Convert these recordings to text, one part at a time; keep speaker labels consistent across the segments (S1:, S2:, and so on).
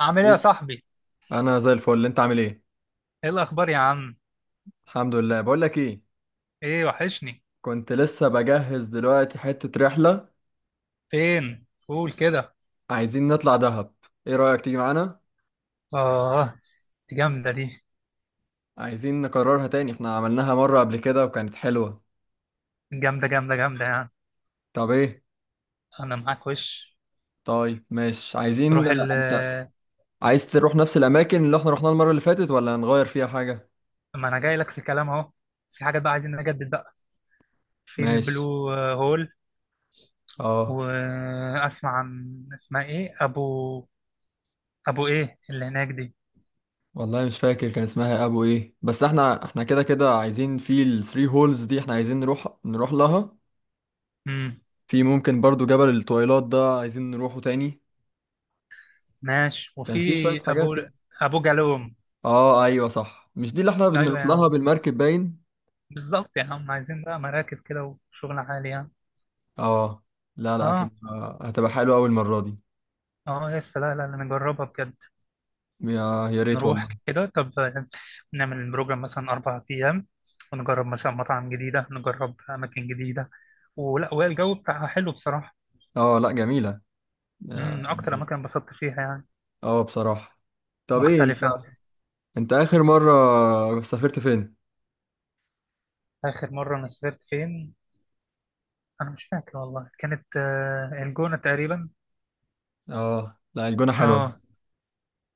S1: عامل ايه يا
S2: إيه؟
S1: صاحبي؟
S2: انا زي الفل، انت عامل ايه؟
S1: ايه الاخبار يا عم؟
S2: الحمد لله. بقول لك ايه،
S1: ايه وحشني.
S2: كنت لسه بجهز دلوقتي حتة رحلة.
S1: فين؟ قول كده.
S2: عايزين نطلع دهب، ايه رأيك تيجي معانا؟
S1: اه، دي جامده دي.
S2: عايزين نكررها تاني، احنا عملناها مرة قبل كده وكانت حلوة.
S1: جامده جامده جامده يعني.
S2: طب ايه؟
S1: انا معاك وش
S2: طيب ماشي، عايزين
S1: تروح ال...
S2: انت عايز تروح نفس الاماكن اللي احنا رحناها المرة اللي فاتت، ولا نغير فيها حاجة؟
S1: ما انا جاي لك في الكلام اهو. في حاجات بقى عايزين نجدد بقى. في
S2: ماشي.
S1: البلو هول.
S2: اه.
S1: واسمع عن اسمها ايه، ابو ايه اللي هناك دي.
S2: والله مش فاكر كان اسمها ابو ايه، بس احنا كده كده عايزين في الثري هولز دي، احنا عايزين نروح لها.
S1: امم،
S2: في ممكن برضو جبل التويلات ده عايزين نروحه تاني.
S1: ماشي.
S2: كان
S1: وفي
S2: في شوية حاجات
S1: ابو
S2: كده.
S1: ابو جالوم.
S2: اه ايوه صح، مش دي اللي احنا
S1: ايوه
S2: بنروح
S1: يا
S2: لها
S1: عم،
S2: بالمركب باين.
S1: بالظبط يا عم، عايزين بقى مراكب كده وشغل عالي يعني.
S2: اه لا لا،
S1: اه.
S2: هتبقى حلوة أوي المرة دي.
S1: اه يا اسطى، لا لا لا، نجربها بجد.
S2: يا ريت
S1: نروح
S2: والله.
S1: كده طب، نعمل بروجرام مثلا 4 أيام، ونجرب مثلا مطاعم جديدة، نجرب أماكن جديدة ولا. والجو بتاعها حلو بصراحة.
S2: اه لا جميلة
S1: امم، أكتر
S2: يعني.
S1: أماكن انبسطت فيها يعني.
S2: اه بصراحة. طب ايه انت،
S1: مختلفة.
S2: انت آخر مرة سافرت فين؟
S1: آخر مرة أنا سافرت فين؟ أنا مش فاكر والله، كانت الجونة تقريبا.
S2: اه لا الجونة حلوة.
S1: اه.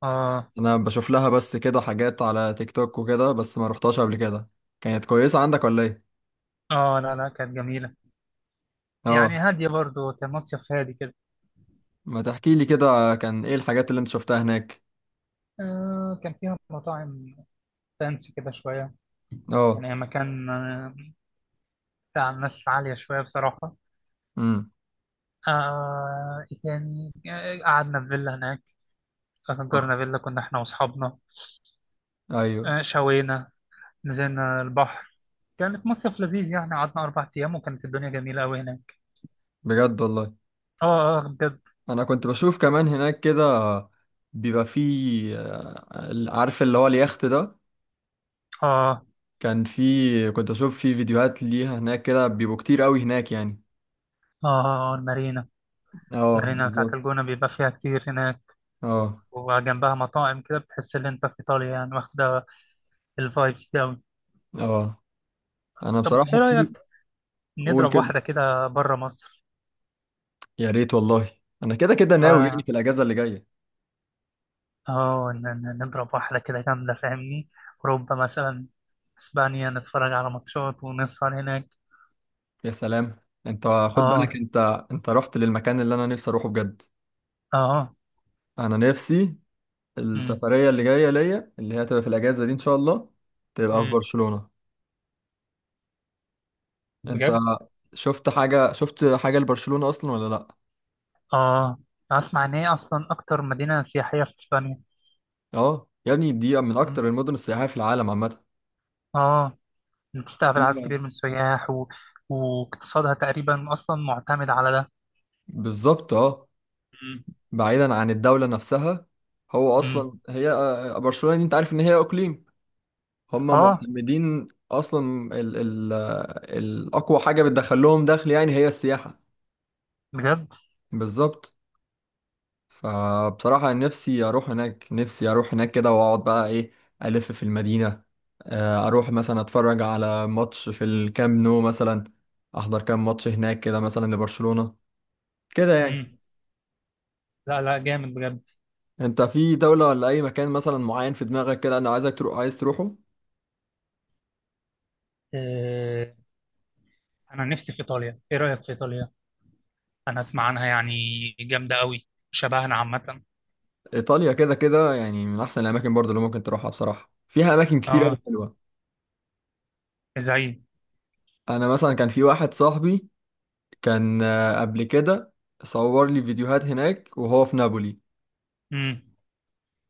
S1: اه.
S2: انا بشوف لها بس كده حاجات على تيك توك وكده، بس ما رحتهاش قبل كده. كانت كويسة عندك ولا ايه؟
S1: اه لا لا، كانت جميلة. يعني
S2: اه.
S1: هادية برضو، كان مصيف هادي كده.
S2: ما تحكي لي كده كان ايه الحاجات اللي انت شفتها هناك.
S1: آه كان فيها مطاعم فانسي كده شوية.
S2: اه.
S1: يعني مكان لا، ناس عالية شوية بصراحة.
S2: امم.
S1: آه يعني قعدنا في فيلا هناك،
S2: آه.
S1: أجرنا فيلا، كنا إحنا وأصحابنا.
S2: ايوه.
S1: آه شوينا، نزلنا البحر. كانت مصيف لذيذ يعني، قعدنا 4 أيام، وكانت الدنيا جميلة أوي هناك.
S2: بجد والله.
S1: آه آه بجد.
S2: انا كنت بشوف كمان هناك كده، بيبقى فيه عارف اللي هو اليخت ده.
S1: آه
S2: كان فيه، كنت اشوف فيه فيديوهات ليها هناك، كده بيبقوا كتير قوي هناك يعني.
S1: المارينا.
S2: اه
S1: المارينا بتاعت
S2: بالظبط.
S1: الجونة بيبقى فيها كتير هناك،
S2: اه.
S1: وجنبها مطاعم كده، بتحس إن أنت في إيطاليا يعني، واخدة الفايبس دي أوي.
S2: اه. انا
S1: طب
S2: بصراحة
S1: إيه رأيك
S2: في. قول
S1: نضرب
S2: كده.
S1: واحدة كده بره مصر؟
S2: يا ريت والله، انا كده كده ناوي يعني
S1: آه.
S2: في الاجازة اللي جاية.
S1: اه نضرب واحدة كده جامدة فاهمني، أوروبا مثلا، إسبانيا، نتفرج على ماتشات ونسهر هناك.
S2: يا سلام. انت خد بالك
S1: اه.
S2: انت، انت رحت للمكان اللي انا نفسي اروحه بجد.
S1: اه.
S2: انا نفسي.
S1: امم.
S2: السفرية اللي جاية ليا، اللي هي هتبقى في الأجازة دي إن شاء الله، تبقى في
S1: امم.
S2: برشلونة. أنت
S1: بجد.
S2: شفت حاجة، شفت حاجة لبرشلونة أصلا ولا لأ؟
S1: اه أسمع إن هي أصلا أكتر مدينة سياحية في إسبانيا.
S2: أه يا ابني، دي من
S1: مم.
S2: أكتر المدن السياحية في العالم عامة.
S1: اه بتستقبل عدد
S2: فيها
S1: كبير من السياح و... واقتصادها تقريبا أصلا معتمد على ده.
S2: بالظبط أه.
S1: امم.
S2: بعيدا عن الدولة نفسها، هو
S1: مم.
S2: أصلا هي برشلونة دي أنت عارف إن هي إقليم. هما
S1: اه.
S2: معتمدين أصلا ال ال آه، الأقوى حاجة بتدخل لهم دخل يعني هي السياحة.
S1: بجد.
S2: بالظبط. فبصراحة نفسي أروح هناك، نفسي أروح هناك كده وأقعد بقى إيه، ألف في المدينة. أروح مثلا أتفرج على ماتش في الكامب نو مثلا، أحضر كام ماتش هناك كده مثلا لبرشلونة، كده يعني.
S1: امم. لا لا، جامد بجد.
S2: أنت في دولة ولا أي مكان مثلا معين في دماغك كده أنا عايزك تروح، عايز تروحه؟
S1: آه، انا نفسي في ايطاليا، ايه رايك في ايطاليا؟ انا اسمع عنها يعني جامده قوي، شبهنا عامه.
S2: إيطاليا كده كده يعني من أحسن الأماكن برضه اللي ممكن تروحها. بصراحة فيها أماكن كتير أوي
S1: اه
S2: حلوة.
S1: زي.
S2: أنا مثلا كان في واحد صاحبي، كان قبل كده صور لي فيديوهات هناك وهو في نابولي.
S1: امم.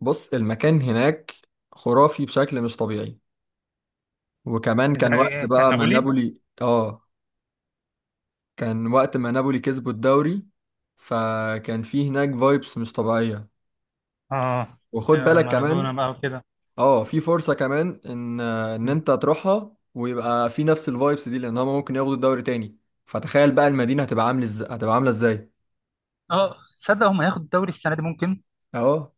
S2: بص المكان هناك خرافي بشكل مش طبيعي. وكمان كان وقت
S1: زي كان
S2: بقى ما كمان
S1: نابولي.
S2: نابولي، اه، كان وقت ما نابولي كسبوا الدوري، فكان في هناك فايبس مش طبيعية.
S1: اه
S2: وخد بالك
S1: مارادونا
S2: كمان،
S1: بقى وكده.
S2: اه، في فرصة كمان ان
S1: مم.
S2: انت تروحها ويبقى في نفس الفايبس دي، لان هما ممكن ياخدوا الدوري تاني. فتخيل بقى المدينة هتبقى عامل ازاي، هتبقى عاملة ازاي.
S1: اه تصدق هم هياخدوا الدوري السنه دي ممكن.
S2: اه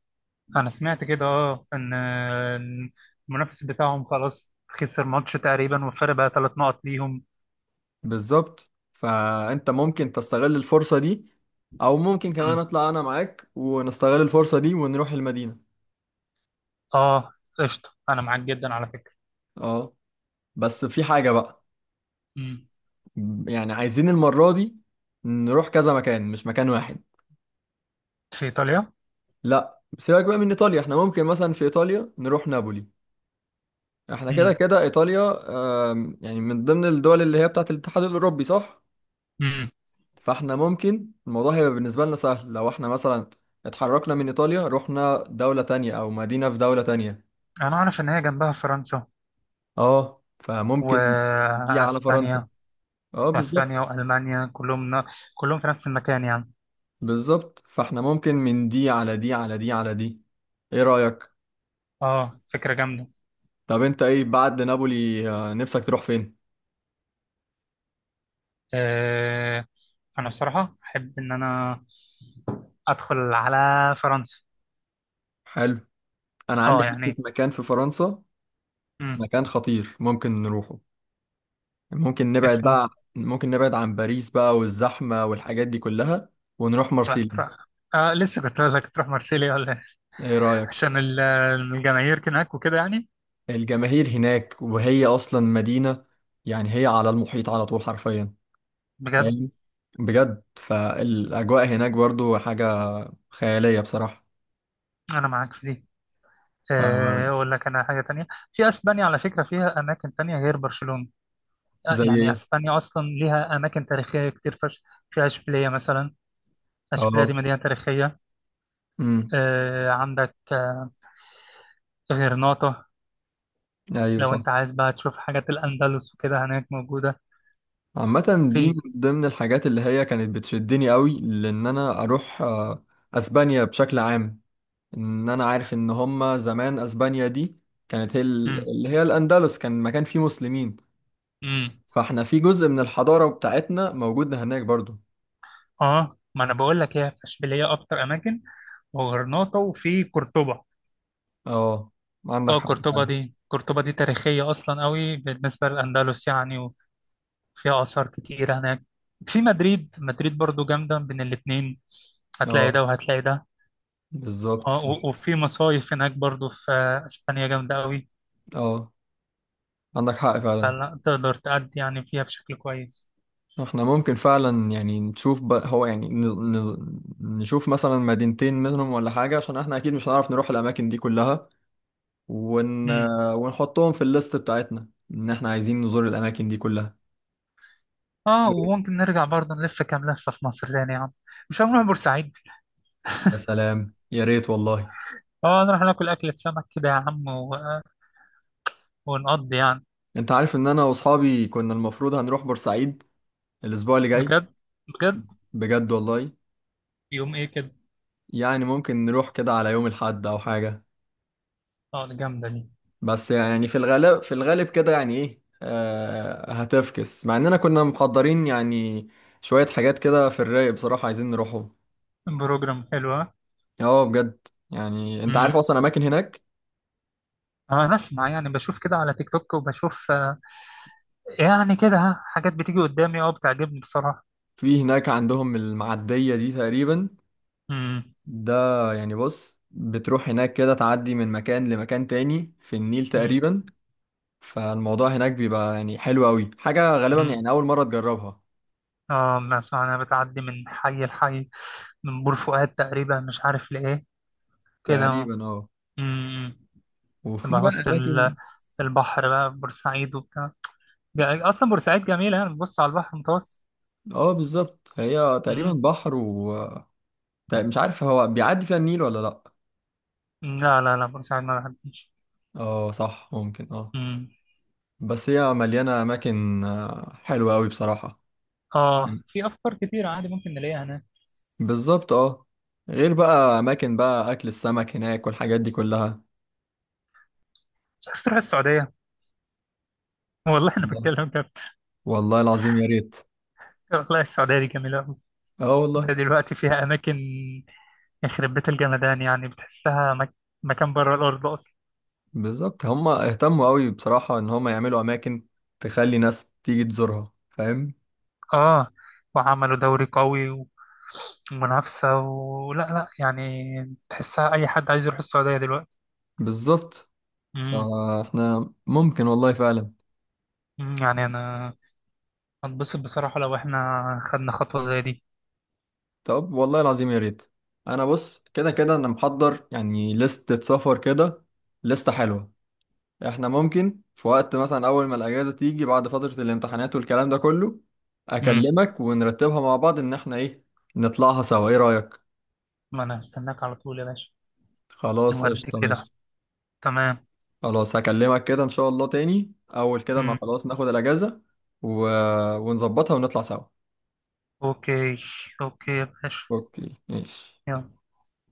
S1: انا سمعت كده، اه ان إن المنافس بتاعهم خلاص خسر ماتش تقريبا، والفرق بقى 3 نقط ليهم.
S2: بالظبط. فانت ممكن تستغل الفرصة دي، او ممكن كمان
S1: مم.
S2: اطلع انا معاك ونستغل الفرصة دي ونروح المدينة.
S1: اه قشطه، انا معاك جدا على فكره.
S2: اه. بس في حاجة بقى،
S1: مم.
S2: يعني عايزين المرة دي نروح كذا مكان، مش مكان واحد.
S1: في ايطاليا.
S2: لا سيبك بقى من ايطاليا، احنا ممكن مثلا في ايطاليا نروح نابولي، احنا كده
S1: مم.
S2: كده ايطاليا. يعني من ضمن الدول اللي هي بتاعت الاتحاد الاوروبي صح؟
S1: مم.
S2: فاحنا ممكن الموضوع هيبقى بالنسبة لنا سهل لو احنا مثلا اتحركنا من ايطاليا رحنا دولة تانية او مدينة في دولة تانية.
S1: انا اعرف ان هي جنبها فرنسا
S2: اه فممكن. دي على فرنسا.
S1: واسبانيا.
S2: اه
S1: واسبانيا
S2: بالظبط.
S1: والمانيا كلهم نا... كلهم في نفس المكان يعني.
S2: بالظبط. فاحنا ممكن من دي على دي على دي على دي. ايه رأيك؟
S1: اه فكره جامده.
S2: طب انت ايه بعد نابولي نفسك تروح فين؟
S1: آه... انا بصراحه احب ان انا ادخل على فرنسا.
S2: حلو. انا عندي
S1: اه
S2: حتة
S1: يعني.
S2: مكان في فرنسا،
S1: امم.
S2: مكان خطير ممكن نروحه. ممكن نبعد
S1: اسمه.
S2: بقى، ممكن نبعد عن باريس بقى والزحمة والحاجات دي كلها، ونروح
S1: لا
S2: مارسيليا.
S1: تروح. آه لسه كنت اقول لك تروح مارسيليا ولا إيه؟
S2: ايه رأيك؟
S1: عشان ال- الجماهير هناك وكده يعني.
S2: الجماهير هناك، وهي اصلا مدينة يعني هي على المحيط على طول حرفيا،
S1: بجد.
S2: فاهم؟ بجد، فالاجواء هناك برضو حاجة خيالية بصراحة.
S1: انا معاك في دي. اقول لك انا حاجه تانية، في اسبانيا على فكره فيها اماكن تانية غير برشلونه.
S2: زي
S1: يعني
S2: ايه؟
S1: اسبانيا اصلا ليها اماكن تاريخيه كتير فشخ. فيها اشبيليه مثلا. اشبيليه دي
S2: اه.
S1: مدينه تاريخيه.
S2: امم.
S1: عندك غرناطه.
S2: ايوه
S1: لو
S2: صح.
S1: انت عايز بقى تشوف حاجات الاندلس وكده هناك موجوده.
S2: عامة دي من
S1: في.
S2: ضمن الحاجات اللي هي كانت بتشدني قوي لان انا اروح اسبانيا بشكل عام. ان انا عارف ان هما زمان اسبانيا دي كانت هي
S1: امم.
S2: اللي هي الاندلس، كان مكان فيه مسلمين.
S1: امم.
S2: فاحنا في جزء من الحضارة بتاعتنا موجود هناك برضو.
S1: اه ما انا بقول لك هي، في اشبيليه اكتر اماكن وغرناطه وفي قرطبه.
S2: اه عندك
S1: اه
S2: حق
S1: قرطبه
S2: فعلا.
S1: دي قرطبه دي تاريخيه اصلا قوي بالنسبه للاندلس يعني، وفيها اثار كتير هناك. في مدريد. مدريد برضو جامده بين الاتنين، هتلاقي
S2: اه
S1: ده وهتلاقي ده. اه
S2: بالظبط.
S1: و- وفي مصايف هناك برضو في اسبانيا جامده قوي.
S2: اه عندك حق فعلا.
S1: فلا تقدر تأدي يعني فيها بشكل كويس.
S2: احنا ممكن فعلا يعني نشوف بقى هو يعني ن... نشوف مثلا مدينتين منهم ولا حاجة، عشان احنا اكيد مش هنعرف نروح الاماكن دي كلها. ون...
S1: امم.
S2: ونحطهم في الليست بتاعتنا ان احنا عايزين نزور الاماكن دي كلها.
S1: اه وممكن نرجع برضه نلف كام لفة في مصر تاني يا عم. مش هنروح بورسعيد؟
S2: يا سلام يا ريت والله.
S1: اه نروح ناكل أكلة سمك كده يا عم و... ونقضي يعني.
S2: انت عارف ان انا واصحابي كنا المفروض هنروح بورسعيد الاسبوع اللي جاي؟
S1: بجد. بجد.
S2: بجد والله.
S1: يوم ايه كده؟
S2: يعني ممكن نروح كده على يوم الاحد او حاجة.
S1: اه دي جامدة دي.
S2: بس يعني في الغالب، في الغالب كده يعني ايه آه هتفكس، مع اننا كنا مقدرين يعني شوية حاجات كده في الرايق بصراحة عايزين نروحهم.
S1: بروجرام حلو، ها؟
S2: اه بجد. يعني انت
S1: امم.
S2: عارف اصلا اماكن هناك؟
S1: اه انا اسمع يعني، بشوف كده على تيك توك وبشوف يعني كده، ها، حاجات بتيجي قدامي، اه بتعجبني بصراحة.
S2: في هناك عندهم المعدية دي تقريبا،
S1: امم.
S2: ده يعني بص، بتروح هناك كده تعدي من مكان لمكان تاني في النيل
S1: امم.
S2: تقريبا. فالموضوع هناك بيبقى يعني حلو قوي، حاجة غالبا
S1: امم.
S2: يعني اول مرة تجربها.
S1: اه ما اسمع انا بتعدي من حي لحي، من بور فؤاد تقريبا مش عارف لإيه، كده اه.
S2: تقريبا اه.
S1: أمم.
S2: وفي
S1: تبقى
S2: بقى
S1: وسط
S2: اماكن.
S1: البحر بقى، في بورسعيد وبتاع. جا- اصلا بورسعيد جميله يعني، بتبص على البحر المتوسط.
S2: اه بالظبط، هي تقريبا
S1: أمم.
S2: بحر طيب مش عارف هو بيعدي فيها النيل ولا لأ.
S1: لا لا لا، بورسعيد ما بحبش.
S2: اه صح، ممكن اه.
S1: أمم.
S2: بس هي مليانة أماكن حلوة أوي بصراحة.
S1: اه
S2: مم.
S1: في افكار كتير عادي ممكن نلاقيها هناك.
S2: بالظبط اه. غير بقى أماكن بقى أكل السمك هناك والحاجات دي كلها.
S1: مش عايز تروح السعوديه؟ والله انا
S2: والله.
S1: بتكلم كده.
S2: والله العظيم يا ريت.
S1: والله السعوديه دي جميله قوي.
S2: اه والله.
S1: ده دلوقتي فيها اماكن يخرب بيت الجمدان، يعني بتحسها مك... مكان بره الارض.
S2: بالظبط، هما اهتموا أوي بصراحة إن هما يعملوا أماكن تخلي ناس تيجي تزورها، فاهم؟
S1: اه وعملوا دوري قوي و- ومنافسة، ولا لا يعني، تحسها أي حد عايز يروح السعودية دلوقتي.
S2: بالظبط.
S1: امم.
S2: فاحنا ممكن والله فعلا.
S1: أمم، يعني أنا هتبسط بصراحة لو إحنا خدنا خطوة زي دي.
S2: طب والله العظيم يا ريت. انا بص كده كده انا محضر يعني لستة سفر كده، لستة حلوة. احنا ممكن في وقت مثلا اول ما الاجازة تيجي بعد فترة الامتحانات والكلام ده كله،
S1: امم.
S2: اكلمك ونرتبها مع بعض ان احنا ايه، نطلعها سوا. ايه رأيك؟
S1: ما أنا هستناك على طول يا باشا.
S2: خلاص
S1: نودي
S2: قشطة
S1: كده.
S2: ماشي.
S1: تمام.
S2: خلاص هكلمك كده ان شاء الله تاني اول كده ما
S1: امم.
S2: خلاص ناخد الاجازة و... ونظبطها ونطلع سوا.
S1: أوكي. أوكي يا باشا.
S2: اوكي ماشي.
S1: يلا.